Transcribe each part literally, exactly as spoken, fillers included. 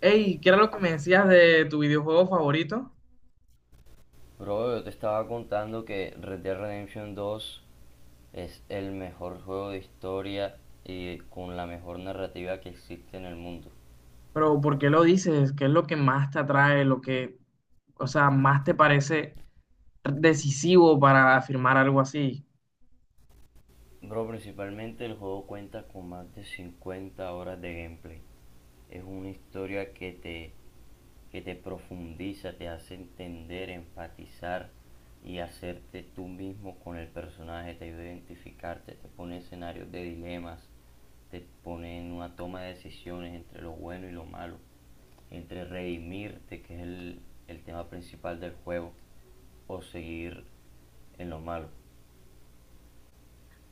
Hey, ¿qué era lo que me decías de tu videojuego favorito? Bro, yo te estaba contando que Red Dead Redemption dos es el mejor juego de historia y con la mejor narrativa que existe en el mundo. Pero ¿por qué lo dices? ¿Qué es lo que más te atrae? Lo que, o sea, más te parece decisivo para afirmar algo así. Bro, principalmente el juego cuenta con más de cincuenta horas de gameplay. Es una historia que te que te profundiza, te hace entender, empatizar y hacerte tú mismo con el personaje, te ayuda a identificarte, te pone escenarios de dilemas, te pone en una toma de decisiones entre lo bueno y lo malo, entre redimirte, que es el, el tema principal del juego, o seguir en lo malo.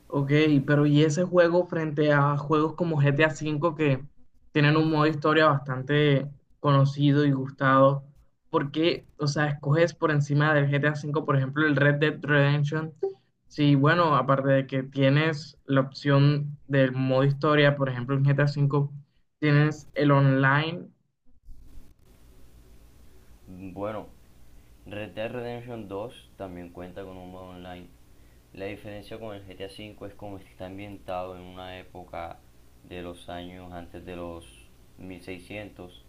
Ok, pero ¿y ese juego frente a juegos como G T A ve que tienen un modo historia bastante conocido y gustado? ¿Por qué, o sea, escoges por encima del G T A ve, por ejemplo, el Red Dead Redemption? Sí, bueno, aparte de que tienes la opción del modo historia, por ejemplo, en G T A ve tienes el online. Bueno, Red Dead Redemption dos también cuenta con un modo online. La diferencia con el G T A V es como está ambientado en una época de los años antes de los mil seiscientos.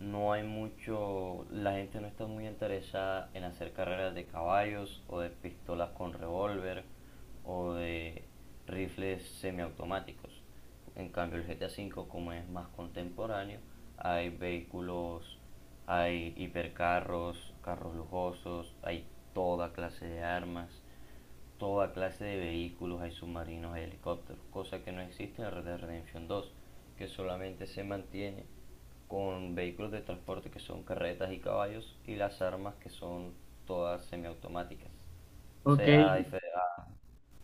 No hay mucho, la gente no está muy interesada en hacer carreras de caballos o de pistolas con revólver o de rifles semiautomáticos. En cambio, el G T A V, como es más contemporáneo, hay vehículos, hay hipercarros, carros lujosos, hay toda clase de armas, toda clase de vehículos, hay submarinos, hay helicópteros, cosa que no existe en Red Dead Redemption dos, que solamente se mantiene con vehículos de transporte que son carretas y caballos, y las armas, que son todas semiautomáticas. O Ok. sea, a,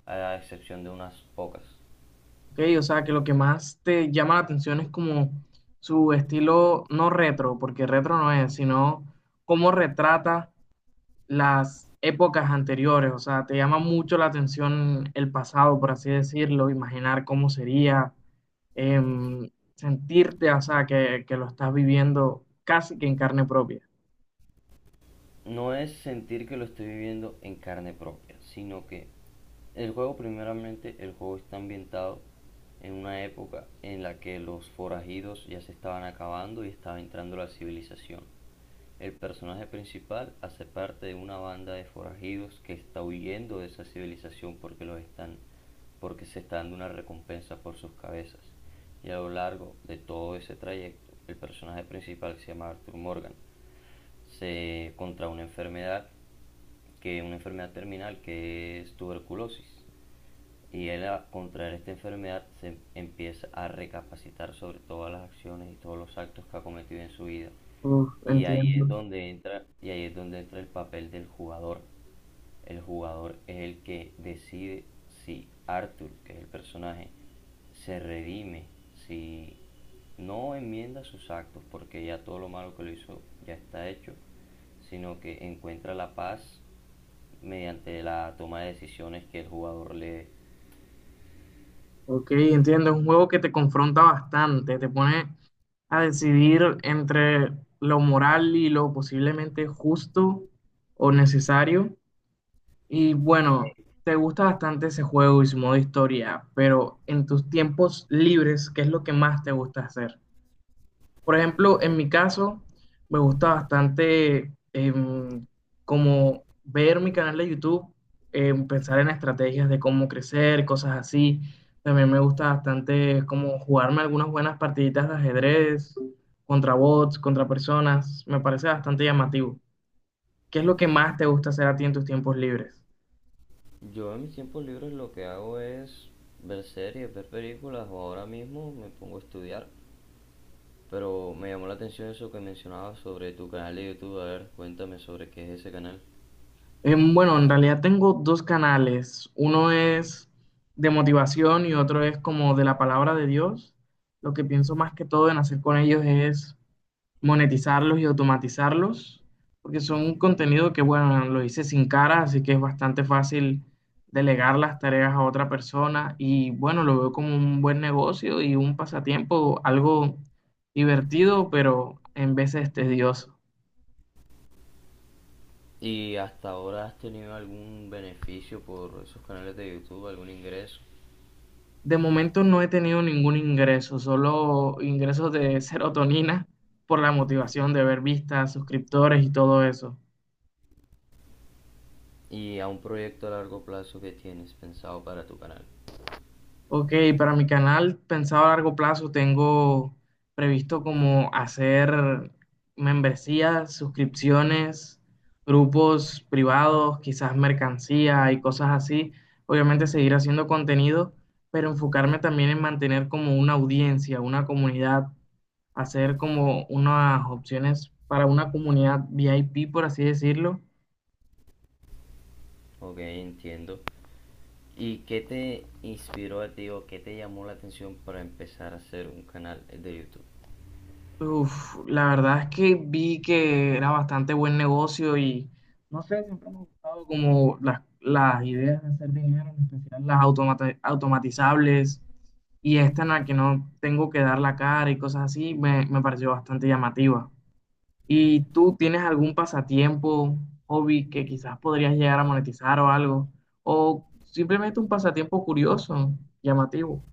a- a excepción de unas pocas. Ok, o sea, que lo que más te llama la atención es como su estilo, no retro, porque retro no es, sino cómo retrata las épocas anteriores. O sea, te llama mucho la atención el pasado, por así decirlo, imaginar cómo sería, em, sentirte, o sea, que, que lo estás viviendo casi que en carne propia. No es sentir que lo estoy viviendo en carne propia, sino que el juego, primeramente, el juego está ambientado en una época en la que los forajidos ya se estaban acabando y estaba entrando la civilización. El personaje principal hace parte de una banda de forajidos que está huyendo de esa civilización porque los están porque se está dando una recompensa por sus cabezas. Y a lo largo de todo ese trayecto, el personaje principal, que se llama Arthur Morgan, se, contra una enfermedad, que una enfermedad terminal que es tuberculosis, y él, a contraer esta enfermedad, se empieza a recapacitar sobre todas las acciones y todos los actos que ha cometido en su vida. Uf, Y ahí entiendo. es donde entra, y ahí es donde entra el papel del jugador. El jugador es el que decide si Arthur, que es el personaje, se redime, si no enmienda sus actos, porque ya todo lo malo que lo hizo ya está hecho, sino que encuentra la paz mediante la toma de decisiones que el jugador le... Ok, entiendo. Es un juego que te confronta bastante, te pone a decidir entre lo moral y lo posiblemente justo o necesario. Y bueno, te gusta bastante ese juego y su modo historia, pero en tus tiempos libres, ¿qué es lo que más te gusta hacer? Por ejemplo, en mi caso, me gusta bastante em, como ver mi canal de YouTube, em, pensar en estrategias de cómo crecer, cosas así. También me gusta bastante como jugarme algunas buenas partiditas de ajedrez, contra bots, contra personas. Me parece bastante llamativo. ¿Qué es lo que más te gusta hacer a ti en tus tiempos libres? Yo, en mis tiempos libres, lo que hago es ver series, ver películas, o ahora mismo me pongo a estudiar. Pero me llamó la atención eso que mencionabas sobre tu canal de YouTube. A ver, cuéntame sobre qué es ese canal. Em, bueno, en realidad tengo dos canales. Uno es de motivación y otro es como de la palabra de Dios. Lo que pienso más que todo en hacer con ellos es monetizarlos y automatizarlos, porque son un contenido que, bueno, lo hice sin cara, así que es bastante fácil delegar las tareas a otra persona y, bueno, lo veo como un buen negocio y un pasatiempo, algo divertido, pero en veces tedioso. ¿Y hasta ahora has tenido algún beneficio por esos canales de YouTube, algún ingreso? De momento no he tenido ningún ingreso, solo ingresos de serotonina por la motivación de ver vistas, suscriptores y todo eso. ¿Y a un proyecto a largo plazo que tienes pensado para tu canal? Ok, para mi canal, pensado a largo plazo, tengo previsto como hacer membresías, suscripciones, grupos privados, quizás mercancía y cosas así. Obviamente seguir haciendo contenido, pero enfocarme también en mantener como una audiencia, una comunidad, hacer como unas opciones para una comunidad VIP, por así decirlo. Ok, entiendo. ¿Y qué te inspiró a ti, o qué te llamó la atención para empezar a hacer un canal de YouTube? Uf, la verdad es que vi que era bastante buen negocio y no sé, siempre me ha gustado como las, las ideas de hacer dinero, en especial las automata- automatizables y esta en la que no tengo que dar la cara y cosas así, me, me pareció bastante llamativa. ¿Y tú tienes algún pasatiempo, hobby que quizás podrías llegar a monetizar o algo? ¿O simplemente un pasatiempo curioso, llamativo?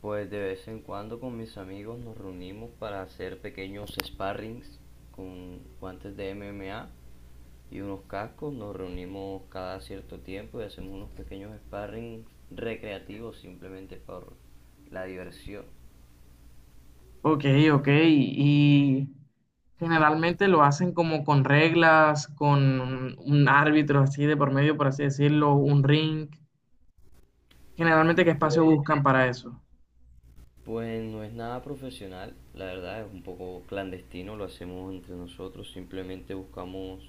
Pues, de vez en cuando, con mis amigos nos reunimos para hacer pequeños sparrings con guantes de M M A y unos cascos. Nos reunimos cada cierto tiempo y hacemos unos pequeños sparrings recreativos, simplemente por la diversión. Ok, ok. Y generalmente lo hacen como con reglas, con un árbitro así de por medio, por así decirlo, un ring. Generalmente, ¿qué espacio Pues, buscan para eso? pues no es nada profesional, la verdad es un poco clandestino, lo hacemos entre nosotros, simplemente buscamos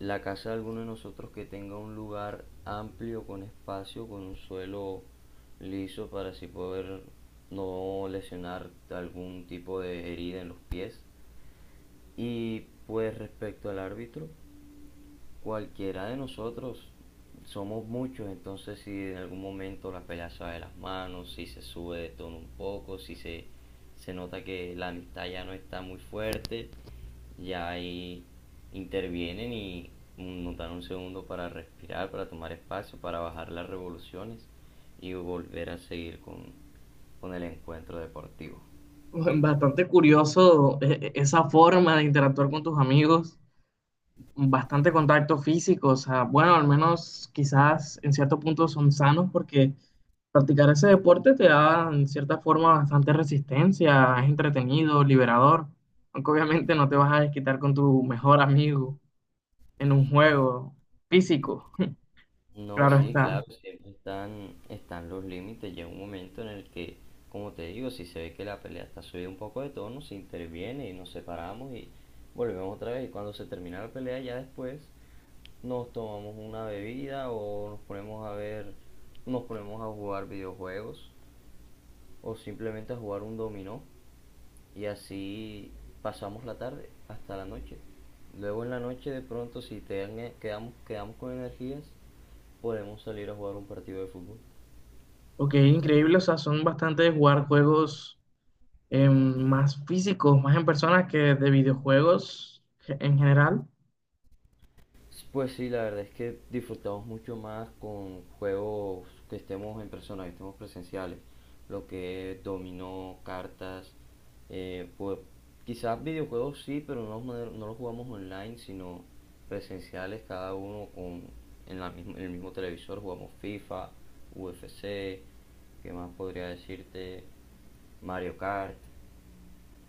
la casa de alguno de nosotros que tenga un lugar amplio, con espacio, con un suelo liso, para así poder no lesionar algún tipo de herida en los pies. Y pues, respecto al árbitro, cualquiera de nosotros, somos muchos, entonces si en algún momento la pelea se va de las manos, si se sube de tono un poco, si se, se nota que la amistad ya no está muy fuerte, ya ahí intervienen y nos dan un segundo para respirar, para tomar espacio, para bajar las revoluciones y volver a seguir con, con el encuentro deportivo. Bastante curioso eh, eh, esa forma de interactuar con tus amigos, bastante contacto físico, o sea, bueno, al menos quizás en cierto punto son sanos porque practicar ese deporte te da en cierta forma bastante resistencia, es entretenido, liberador, aunque obviamente no te vas a desquitar con tu mejor amigo en un juego físico, No, claro sí, está. claro, siempre están, están los límites. Llega un momento en el que, como te digo, si se ve que la pelea está subida un poco de tono, se interviene y nos separamos, y volvemos otra vez. Y cuando se termina la pelea, ya después nos tomamos una bebida, o nos ponemos a ver, nos ponemos a jugar videojuegos, o simplemente a jugar un dominó, y así pasamos la tarde hasta la noche. Luego, en la noche, de pronto, si te dan- eh, quedamos, quedamos con energías, podemos salir a jugar un partido de fútbol. Ok, increíble, o sea, son bastante de jugar juegos em, más físicos, más en personas que de videojuegos ge- en general. Pues sí, la verdad es que disfrutamos mucho más con juegos que estemos en persona, que estemos presenciales. Lo que es dominó, cartas, eh, pues quizás videojuegos sí, pero no, no no los jugamos online, sino presenciales, cada uno con, en, la misma- en el mismo televisor. Jugamos FIFA, U F C, ¿qué más podría decirte? Mario Kart,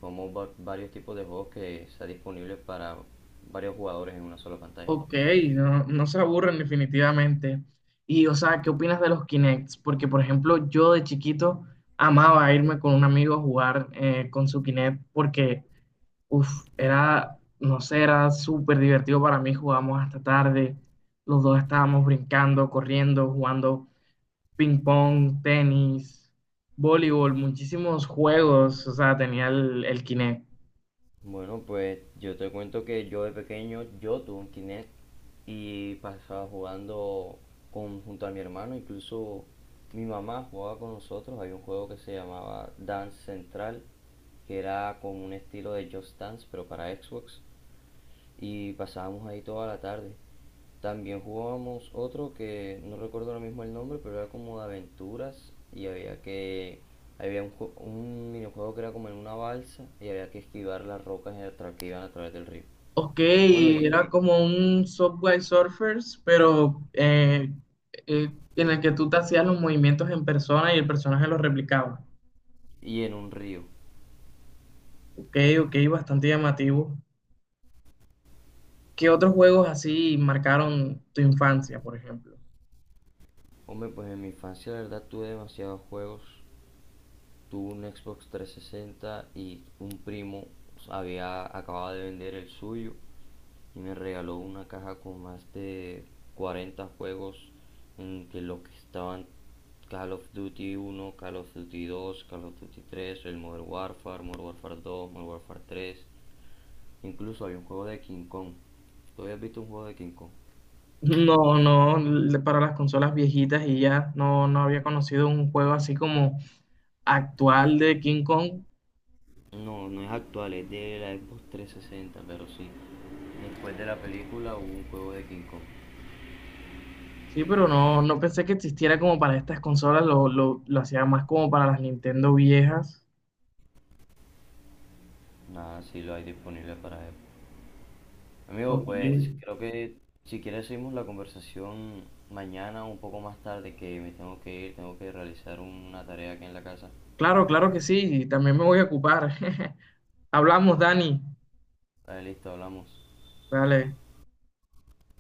como varios tipos de juegos que está disponibles para varios jugadores en una sola pantalla. Ok, no, no se aburren definitivamente. Y, o sea, ¿qué opinas de los Kinects? Porque, por ejemplo, yo de chiquito amaba irme con un amigo a jugar eh, con su Kinect porque, uff, era, no sé, era súper divertido para mí. Jugábamos hasta tarde, los dos estábamos brincando, corriendo, jugando ping pong, tenis, voleibol, muchísimos juegos, o sea, tenía el, el Kinect. Bueno, pues yo te cuento que yo, de pequeño, yo tuve un Kinect y pasaba jugando con, junto a mi hermano. Incluso mi mamá jugaba con nosotros. Había un juego que se llamaba Dance Central, que era como un estilo de Just Dance, pero para Xbox. Y pasábamos ahí toda la tarde. También jugábamos otro que no recuerdo ahora mismo el nombre, pero era como de aventuras, y había que había un, un minijuego que era como en una balsa, y había que esquivar las rocas que iban a través del río. Ok, Bueno, y, era como un Subway Surfers, pero eh, eh, en el que tú te hacías los movimientos en persona y el personaje los replicaba. y en un río. Ok, ok, bastante llamativo. ¿Qué otros juegos así marcaron tu infancia, por ejemplo? Hombre, pues en mi infancia la verdad tuve demasiados juegos. Tuve un Xbox trescientos sesenta y un primo había acabado de vender el suyo y me regaló una caja con más de cuarenta juegos, entre los que estaban Call of Duty uno, Call of Duty dos, Call of Duty tres, el Modern Warfare, Modern Warfare dos, Modern Warfare tres. Incluso había un juego de King Kong. ¿Tú habías visto un juego de King Kong? No, no, l- para las consolas viejitas y ya no, no había conocido un juego así como actual de King Kong. No, no es actual, es de la Xbox trescientos sesenta, pero sí. Después de la película hubo un juego de King Kong. Sí, pero no, no pensé que existiera como para estas consolas, lo, lo, lo hacía más como para las Nintendo viejas. Nada, sí lo hay disponible para Xbox. Amigo, Ok. pues creo que si quieres seguimos la conversación mañana, un poco más tarde, que me tengo que ir, tengo que realizar una tarea aquí en la casa. Claro, claro que sí, y también me voy a ocupar. Hablamos, Dani. Vale, listo, hablamos. Dale.